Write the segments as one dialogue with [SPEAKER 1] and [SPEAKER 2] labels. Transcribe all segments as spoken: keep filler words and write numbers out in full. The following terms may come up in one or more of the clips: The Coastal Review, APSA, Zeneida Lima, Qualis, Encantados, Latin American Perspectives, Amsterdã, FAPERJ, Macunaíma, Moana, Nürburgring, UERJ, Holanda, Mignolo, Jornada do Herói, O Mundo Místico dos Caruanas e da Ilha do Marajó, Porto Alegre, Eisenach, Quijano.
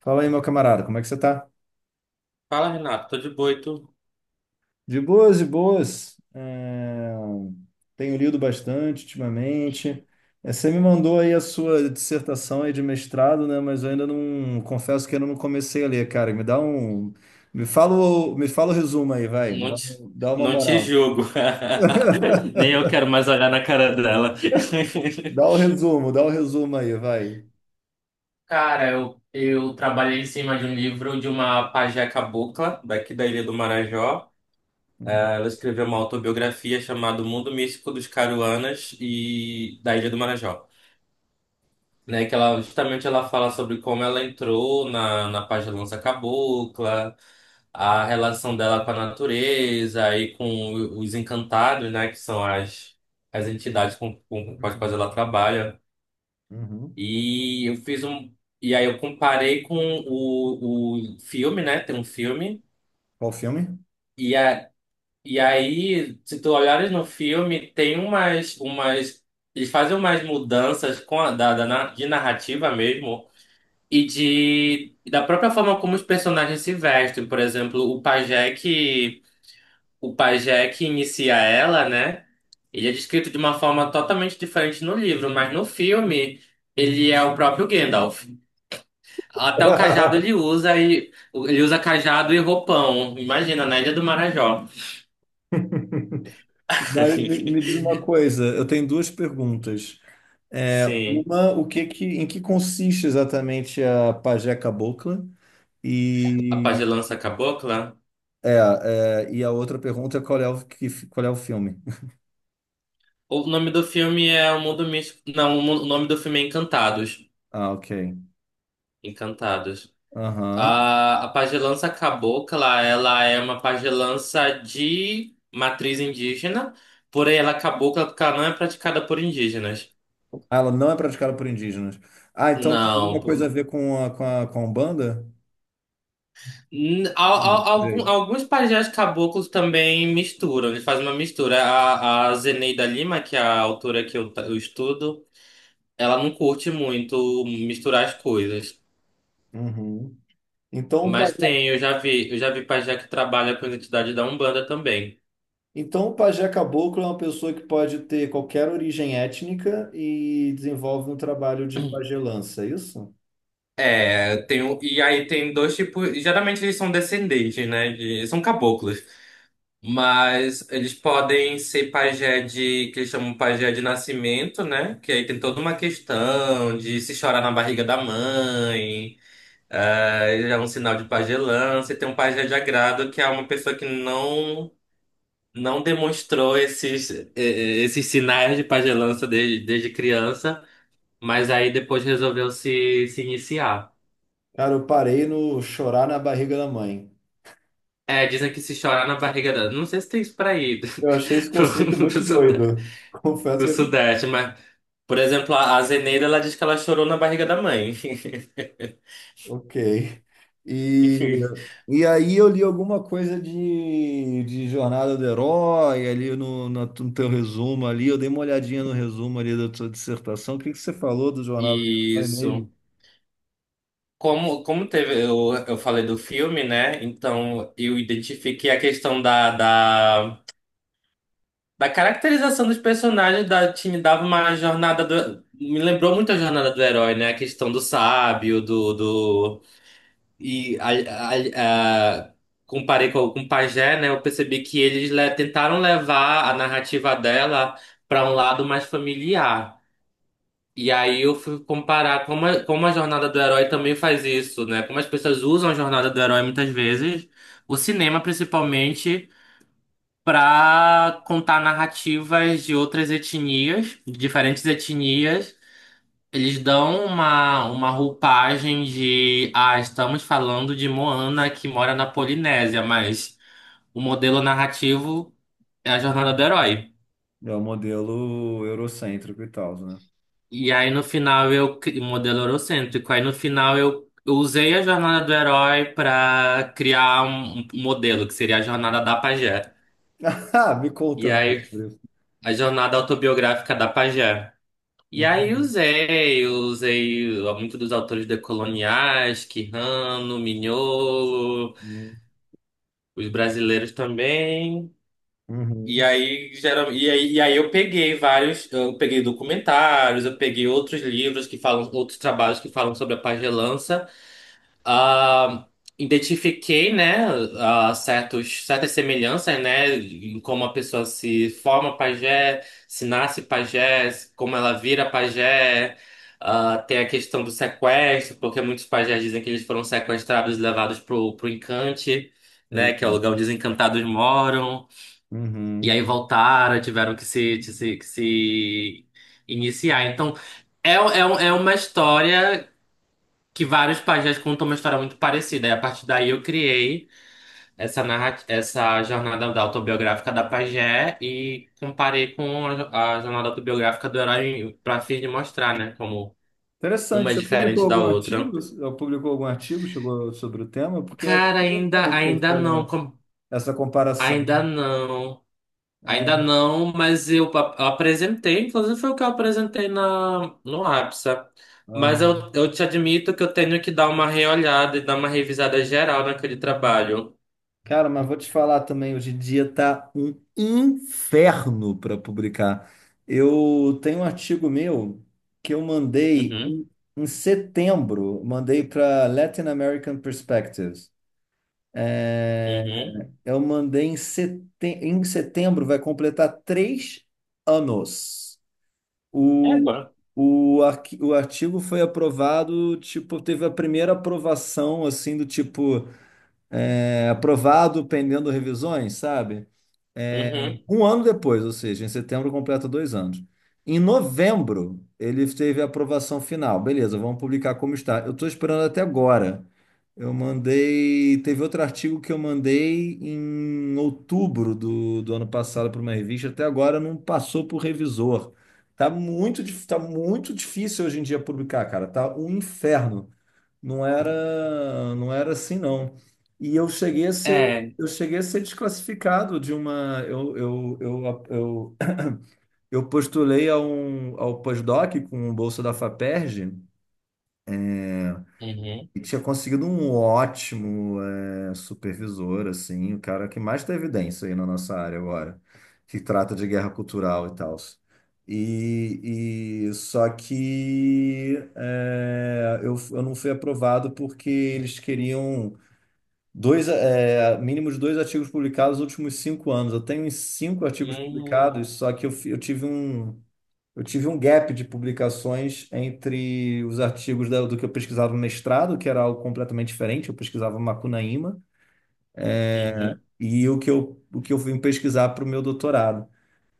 [SPEAKER 1] Fala aí, meu camarada, como é que você tá?
[SPEAKER 2] Fala, Renato, tô de boa e tu?
[SPEAKER 1] De boas, de boas. É, Tenho lido bastante ultimamente. É, Você me mandou aí a sua dissertação aí de mestrado, né? Mas eu ainda não, confesso que ainda não comecei a ler, cara. Me dá um, me fala, o- me fala o resumo aí, vai.
[SPEAKER 2] Não
[SPEAKER 1] Dá,
[SPEAKER 2] te,
[SPEAKER 1] um- dá uma
[SPEAKER 2] não te
[SPEAKER 1] moral.
[SPEAKER 2] julgo. Nem eu quero mais olhar na cara dela.
[SPEAKER 1] Dá o resumo, dá o resumo aí, vai.
[SPEAKER 2] Cara, eu, eu trabalhei em cima de um livro de uma pajé cabocla, daqui da Ilha do Marajó.
[SPEAKER 1] Uhum.
[SPEAKER 2] Ela escreveu uma autobiografia chamada O Mundo Místico dos Caruanas e da Ilha do Marajó, né? Que ela justamente ela fala sobre como ela entrou na, na pagelança cabocla, a relação dela com a natureza e com os encantados, né? Que são as, as entidades com, com, com as quais ela trabalha.
[SPEAKER 1] Uhum.
[SPEAKER 2] E eu fiz um. E aí eu comparei com o, o filme, né? Tem um filme.
[SPEAKER 1] Qual filme?
[SPEAKER 2] E, a, e aí, se tu olhares no filme, tem umas, umas. Eles fazem umas mudanças com a, da, da, na- de narrativa mesmo. E de e da própria forma como os personagens se vestem. Por exemplo, o pajé que o pajé que inicia ela, né? Ele é descrito de uma forma totalmente diferente no livro, mas no filme ele é o próprio Gandalf. Até o cajado ele usa, e ele usa cajado e roupão. Imagina, na Ilha do Marajó.
[SPEAKER 1] Mas me, me diz uma coisa, eu tenho duas perguntas. É,
[SPEAKER 2] Sim,
[SPEAKER 1] uma, o que que, em que consiste exatamente a pajé cabocla?
[SPEAKER 2] a
[SPEAKER 1] E,
[SPEAKER 2] pagelança cabocla.
[SPEAKER 1] é, é, e a outra pergunta é qual é o, que, qual é o filme?
[SPEAKER 2] O nome do filme é O Mundo Místico. Não, o mu- o nome do filme é Encantados.
[SPEAKER 1] Ah, ok.
[SPEAKER 2] Encantados.
[SPEAKER 1] Aham.
[SPEAKER 2] A, a pagelança cabocla, ela é uma pagelança de matriz indígena, porém ela é cabocla porque ela não é praticada por indígenas.
[SPEAKER 1] Ah, ela não é praticada por indígenas. Ah, então tem
[SPEAKER 2] Não.
[SPEAKER 1] alguma coisa a
[SPEAKER 2] por-
[SPEAKER 1] ver com a, com a, com a Umbanda?
[SPEAKER 2] N- al- al-
[SPEAKER 1] Hum,
[SPEAKER 2] algum-
[SPEAKER 1] jeito.
[SPEAKER 2] alguns pajés caboclos também misturam, eles fazem uma mistura. A, a Zeneida Lima, que é a autora que eu, ta- eu estudo, ela não curte muito misturar as coisas.
[SPEAKER 1] Uhum. Então, o
[SPEAKER 2] Mas
[SPEAKER 1] pajé,
[SPEAKER 2] tem, eu já vi, eu já vi pajé que trabalha com a identidade da Umbanda também.
[SPEAKER 1] então, o pajé caboclo é uma pessoa que pode ter qualquer origem étnica e desenvolve um trabalho de pajelança, é isso?
[SPEAKER 2] É, tem, um- e aí tem dois tipos. Geralmente eles são descendentes, né? De- são caboclos. Mas eles podem ser pajé de, que eles chamam pajé de nascimento, né? Que aí tem toda uma questão de se chorar na barriga da mãe, é, já é um sinal de pajelança. E tem um pajé de agrado, que é uma pessoa que não, não demonstrou esses, eh, eh, esses sinais de pajelança desde, desde criança, mas aí depois resolveu se, se iniciar.
[SPEAKER 1] Cara, eu parei no chorar na barriga da mãe.
[SPEAKER 2] É, dizem que se chorar na barriga dela. Não sei se tem isso pra ir do,
[SPEAKER 1] Eu achei esse conceito
[SPEAKER 2] pro,
[SPEAKER 1] muito
[SPEAKER 2] pro Sudeste,
[SPEAKER 1] doido. Confesso
[SPEAKER 2] pro
[SPEAKER 1] que eu achei.
[SPEAKER 2] Sudeste, mas, por exemplo, a a Zeneida, ela diz que ela chorou na barriga da mãe.
[SPEAKER 1] Ok. E, e aí eu li alguma coisa de, de Jornada do Herói, ali no, no, no teu resumo ali, eu dei uma olhadinha no resumo ali da tua dissertação. O que que você falou do Jornada do Herói mesmo?
[SPEAKER 2] Isso. Como, como teve, eu, eu falei do filme, né? Então eu identifiquei a questão da, da, da caracterização dos personagens da time dava uma jornada do. Me lembrou muito a jornada do herói, né? A questão do sábio, do, do, E a- a- a- comparei com, com o Pajé, né? Eu percebi que eles le- tentaram levar a narrativa dela para um lado mais familiar. E aí eu fui comparar como a, como a jornada do herói também faz isso, né? Como as pessoas usam a jornada do herói muitas vezes, o cinema principalmente, para contar narrativas de outras etnias, de diferentes etnias. Eles dão uma, uma roupagem de, ah, estamos falando de Moana que mora na Polinésia, mas o modelo narrativo é a jornada do herói.
[SPEAKER 1] É o modelo eurocêntrico e tal, né?
[SPEAKER 2] E aí no final eu, cri- modelo eurocêntrico. Aí no final eu, eu usei a jornada do herói para criar um, um modelo, que seria a jornada da pajé.
[SPEAKER 1] Ah, me conta
[SPEAKER 2] E
[SPEAKER 1] mais
[SPEAKER 2] aí
[SPEAKER 1] sobre isso.
[SPEAKER 2] a jornada autobiográfica da pajé. E aí
[SPEAKER 1] Entendi.
[SPEAKER 2] usei, usei muitos dos autores decoloniais, Quijano, Mignolo, os brasileiros também. E
[SPEAKER 1] Uhum.
[SPEAKER 2] aí, geral, e aí, e aí eu peguei vários, eu peguei documentários, eu peguei outros livros que falam, outros trabalhos que falam sobre a pagelança. Ah, identifiquei, né, ah, certos, certas semelhanças, né, em como a pessoa se forma pajé, se nasce pajé, como ela vira pajé. Ah, tem a questão do sequestro, porque muitos pajés dizem que eles foram sequestrados e levados pro, pro encante, né, que
[SPEAKER 1] Eita.
[SPEAKER 2] é o lugar onde os encantados moram. E aí
[SPEAKER 1] Uhum.
[SPEAKER 2] voltaram, tiveram que se, que se, que se iniciar. Então, é, é, um, é uma história que vários pajés contam, uma história muito parecida. E a partir daí eu criei essa narra- essa jornada da autobiográfica da pajé e comparei com a, jo- a jornada autobiográfica do herói, para fim de mostrar, né, como
[SPEAKER 1] Interessante,
[SPEAKER 2] uma é
[SPEAKER 1] você publicou
[SPEAKER 2] diferente da
[SPEAKER 1] algum artigo?
[SPEAKER 2] outra.
[SPEAKER 1] Ou publicou algum artigo, chegou sobre o tema? Porque acho
[SPEAKER 2] Cara, ainda
[SPEAKER 1] interessante
[SPEAKER 2] ainda não,
[SPEAKER 1] essa,
[SPEAKER 2] com-
[SPEAKER 1] essa comparação.
[SPEAKER 2] ainda não. Ainda
[SPEAKER 1] É.
[SPEAKER 2] não, mas eu ap- eu apresentei, inclusive foi o que eu apresentei na, no A P S A. Mas eu,
[SPEAKER 1] Aham.
[SPEAKER 2] eu te admito que eu tenho que dar uma reolhada e dar uma revisada geral naquele trabalho.
[SPEAKER 1] Cara, mas vou te falar também, hoje em dia tá um inferno para publicar. Eu tenho um artigo meu que eu mandei
[SPEAKER 2] Uhum.
[SPEAKER 1] em, em setembro, mandei para Latin American Perspectives. É,
[SPEAKER 2] Uhum.
[SPEAKER 1] eu mandei em, sete, em setembro, vai completar três anos.
[SPEAKER 2] É
[SPEAKER 1] O,
[SPEAKER 2] bom.
[SPEAKER 1] o, arqui- o artigo foi aprovado, tipo, teve a primeira aprovação, assim, do tipo, é, aprovado pendendo revisões, sabe? É,
[SPEAKER 2] Uhum.
[SPEAKER 1] um ano depois, ou seja, em setembro completa dois anos. Em novembro, ele teve a aprovação final. Beleza, vamos publicar como está. Eu estou esperando até agora. Eu mandei. Teve outro artigo que eu mandei em outubro do, do ano passado para uma revista. Até agora não passou por revisor. Tá muito, dif- tá muito difícil hoje em dia publicar, cara. Tá um inferno. Não era, não era assim, não. E eu cheguei a ser,
[SPEAKER 2] É.
[SPEAKER 1] eu cheguei a ser desclassificado de uma, eu, eu, eu, eu, eu postulei a um, ao pós-doc com bolsa da FAPERJ
[SPEAKER 2] Uhum.
[SPEAKER 1] e tinha conseguido um ótimo eh, supervisor, assim, o cara que mais tem evidência aí na nossa área agora, que trata de guerra cultural e tal. E, e só que eh, eu, eu não fui aprovado porque eles queriam Dois, é, mínimo de dois artigos publicados nos últimos cinco anos. Eu tenho uns cinco artigos
[SPEAKER 2] Uhum.
[SPEAKER 1] publicados, só que eu, fi- eu tive um, eu tive um gap de publicações entre os artigos da- do que eu pesquisava no mestrado, que era algo completamente diferente, eu pesquisava Macunaíma,
[SPEAKER 2] Uhum.
[SPEAKER 1] e o que eu, o que eu vim pesquisar para o meu doutorado.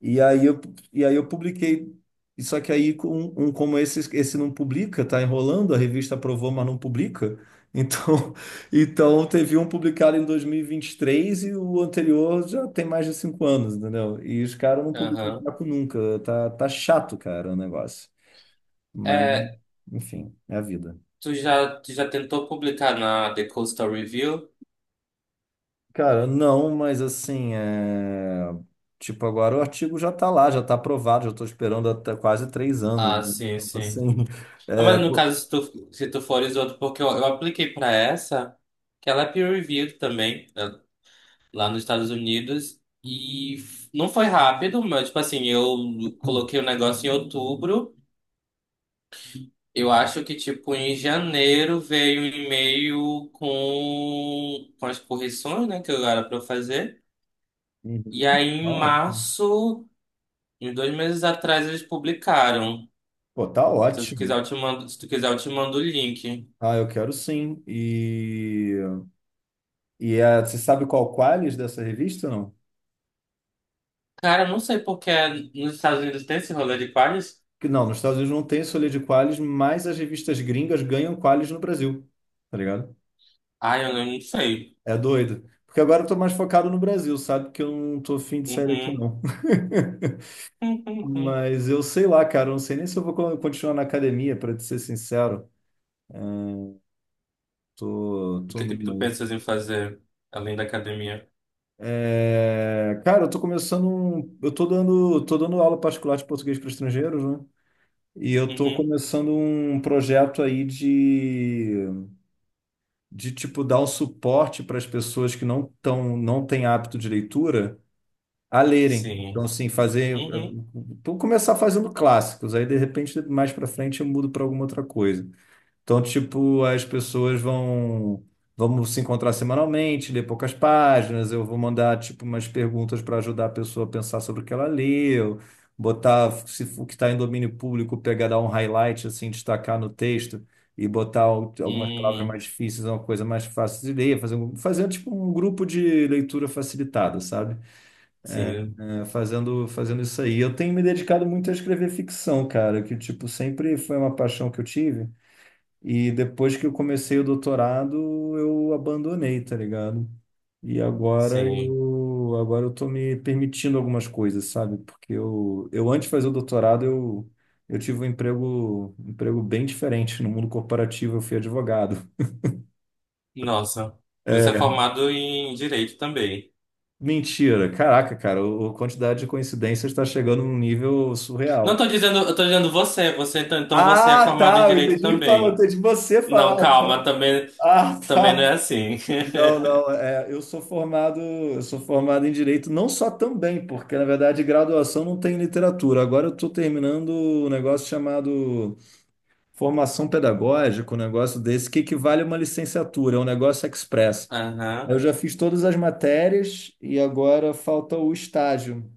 [SPEAKER 1] E aí eu, e aí eu publiquei. E só que aí, com um, como esse, esse não publica, tá enrolando, a revista aprovou, mas não publica. Então, então teve um publicado em dois mil e vinte e três e vinte e três e o anterior já tem mais de cinco anos, entendeu? E os caras não publicam
[SPEAKER 2] Aham.
[SPEAKER 1] papo nunca. Tá, tá chato, cara, o negócio. Mas,
[SPEAKER 2] É,
[SPEAKER 1] enfim, é a vida.
[SPEAKER 2] tu já, tu já tentou publicar na The Coastal Review?
[SPEAKER 1] Cara, não, mas assim, é, tipo, agora o artigo já está lá, já está aprovado, já estou esperando até quase três anos,
[SPEAKER 2] Ah,
[SPEAKER 1] né?
[SPEAKER 2] sim,
[SPEAKER 1] Então,
[SPEAKER 2] sim.
[SPEAKER 1] assim,
[SPEAKER 2] Ah,
[SPEAKER 1] é,
[SPEAKER 2] mas no
[SPEAKER 1] co-
[SPEAKER 2] caso, se tu, se tu fores outro, porque eu, eu apliquei pra essa, que ela é peer-reviewed também, né, lá nos Estados Unidos, e f- não foi rápido, mas, tipo assim, eu coloquei o negócio em outubro. Eu acho que, tipo, em janeiro veio um e-mail com, com as correções, né, que eu era pra eu fazer.
[SPEAKER 1] Uhum,
[SPEAKER 2] E aí, em
[SPEAKER 1] tá ótimo.
[SPEAKER 2] março, uns dois meses atrás, eles publicaram.
[SPEAKER 1] Pô, tá
[SPEAKER 2] Se tu quiser,
[SPEAKER 1] ótimo.
[SPEAKER 2] eu te mando, se tu quiser, eu te mando o link.
[SPEAKER 1] Ah, eu quero sim. E, e é, você sabe qual Qualis dessa revista, não?
[SPEAKER 2] Cara, eu não sei porque nos Estados Unidos tem esse rolê de pares.
[SPEAKER 1] Que não, nos Estados Unidos não tem solha de Qualis, mas as revistas gringas ganham Qualis no Brasil, tá ligado?
[SPEAKER 2] Ah, eu não sei.
[SPEAKER 1] É doido. Porque agora eu tô mais focado no Brasil, sabe? Que eu não tô afim de sair daqui,
[SPEAKER 2] Uhum.
[SPEAKER 1] não.
[SPEAKER 2] Uhum. Uhum.
[SPEAKER 1] Mas eu sei lá, cara, eu não sei nem se eu vou con- continuar na academia, para te ser sincero. Tô,
[SPEAKER 2] O
[SPEAKER 1] tô
[SPEAKER 2] que que
[SPEAKER 1] numa
[SPEAKER 2] tu
[SPEAKER 1] aí.
[SPEAKER 2] pensas em fazer além da academia?
[SPEAKER 1] É, cara, eu tô começando, um- eu tô dando, tô dando aula particular de português para estrangeiros, né? E eu tô
[SPEAKER 2] Uhum.
[SPEAKER 1] começando um projeto aí de, de tipo dar um suporte para as pessoas que não tão, não têm hábito de leitura a lerem. Então,
[SPEAKER 2] Sim.
[SPEAKER 1] assim, fazer,
[SPEAKER 2] Uhum.
[SPEAKER 1] vou começar fazendo clássicos, aí de repente mais para frente eu mudo para alguma outra coisa. Então, tipo, as pessoas vão vamos se encontrar semanalmente, ler poucas páginas, eu vou mandar tipo umas perguntas para ajudar a pessoa a pensar sobre o que ela leu, botar se o que está em domínio público, pegar dar um highlight assim, destacar no texto e botar al- algumas palavras
[SPEAKER 2] Uhum.
[SPEAKER 1] mais difíceis, uma coisa mais fácil de ler, fazer um- fazer tipo um grupo de leitura facilitada, sabe?
[SPEAKER 2] Sim.
[SPEAKER 1] É, fazendo fazendo isso aí. Eu tenho me dedicado muito a escrever ficção, cara, que tipo sempre foi uma paixão que eu tive. E depois que eu comecei o doutorado, eu abandonei, tá ligado? E agora
[SPEAKER 2] Sim.
[SPEAKER 1] eu, agora eu tô me permitindo algumas coisas, sabe? Porque eu, eu antes de fazer o doutorado, eu, eu tive um emprego, um emprego bem diferente no mundo corporativo, eu fui advogado.
[SPEAKER 2] Nossa, você é
[SPEAKER 1] É,
[SPEAKER 2] formado em direito também.
[SPEAKER 1] mentira. Caraca, cara, o- a quantidade de coincidências está chegando num nível
[SPEAKER 2] Não
[SPEAKER 1] surreal.
[SPEAKER 2] tô dizendo, eu tô dizendo você, você então então você é
[SPEAKER 1] Ah,
[SPEAKER 2] formado em
[SPEAKER 1] tá, eu
[SPEAKER 2] direito
[SPEAKER 1] entendi, fala- eu
[SPEAKER 2] também.
[SPEAKER 1] entendi você falar.
[SPEAKER 2] Não, calma, também
[SPEAKER 1] Ah,
[SPEAKER 2] também não
[SPEAKER 1] tá.
[SPEAKER 2] é assim.
[SPEAKER 1] Não, não, é, eu sou formado, eu sou formado em direito, não só também, porque na verdade graduação não tem literatura. Agora eu estou terminando um negócio chamado formação pedagógica, um negócio desse que equivale a uma licenciatura, é um negócio express. Eu
[SPEAKER 2] Aham,
[SPEAKER 1] já fiz todas as matérias e agora falta o estágio,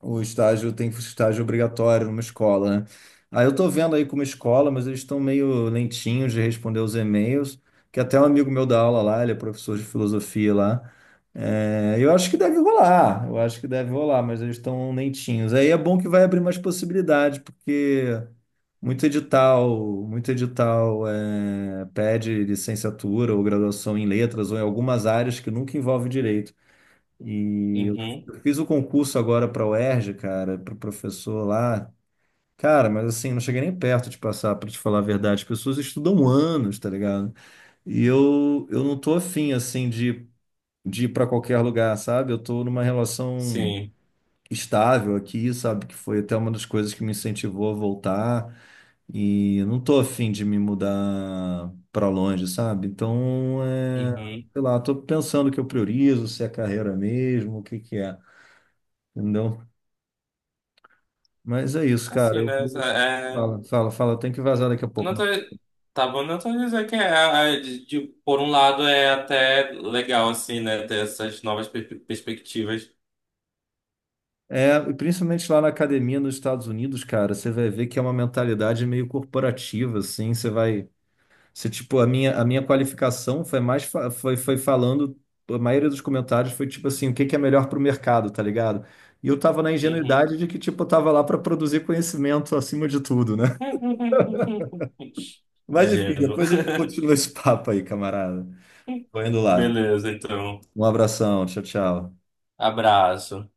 [SPEAKER 1] o estágio tem estágio obrigatório numa escola, né? Aí eu tô vendo aí com uma escola, mas eles estão meio lentinhos de responder os e-mails, que até um amigo meu dá aula lá, ele é professor de filosofia lá. É, eu acho que deve rolar, eu acho que deve rolar, mas eles estão lentinhos. Aí é bom que vai abrir mais possibilidades, porque muito edital, muito edital é, pede licenciatura ou graduação em letras ou em algumas áreas que nunca envolve direito. E eu
[SPEAKER 2] uhum,
[SPEAKER 1] eu fiz o concurso agora para o UERJ, cara, para professor lá. Cara, mas assim, não cheguei nem perto de passar, para te falar a verdade. As pessoas estudam anos, tá ligado? E eu, eu não tô afim, assim, de, de ir para qualquer lugar, sabe? Eu tô numa relação
[SPEAKER 2] sim,
[SPEAKER 1] estável aqui, sabe? Que foi até uma das coisas que me incentivou a voltar. E eu não tô afim de me mudar para longe, sabe? Então, é,
[SPEAKER 2] uhum.
[SPEAKER 1] sei lá, tô pensando o que eu priorizo, se é carreira mesmo, o que que é. Entendeu? Mas é isso, cara.
[SPEAKER 2] Assim,
[SPEAKER 1] Eu
[SPEAKER 2] né?
[SPEAKER 1] vou.
[SPEAKER 2] é, é,
[SPEAKER 1] Fala, fala, fala. Eu tenho que vazar daqui a pouco,
[SPEAKER 2] Nota-
[SPEAKER 1] mano.
[SPEAKER 2] Tá bom, não tô dizendo que é, é, de- de- por um lado é até legal, assim, né, ter essas novas per- perspectivas.
[SPEAKER 1] É, e principalmente lá na academia nos Estados Unidos, cara, você vai ver que é uma mentalidade meio corporativa, assim. Você vai. Você, tipo, a minha, a minha qualificação foi mais. fa- Foi, foi falando. A maioria dos comentários foi tipo assim: o que que é melhor para o mercado, tá ligado? E eu tava na
[SPEAKER 2] Uhum.
[SPEAKER 1] ingenuidade de que, tipo, eu tava lá para produzir conhecimento acima de tudo, né? Mas enfim,
[SPEAKER 2] Ingênuo.
[SPEAKER 1] depois a gente continua esse papo aí, camarada. Tô indo lá.
[SPEAKER 2] Beleza, então.
[SPEAKER 1] Um abração. Tchau, tchau.
[SPEAKER 2] Abraço.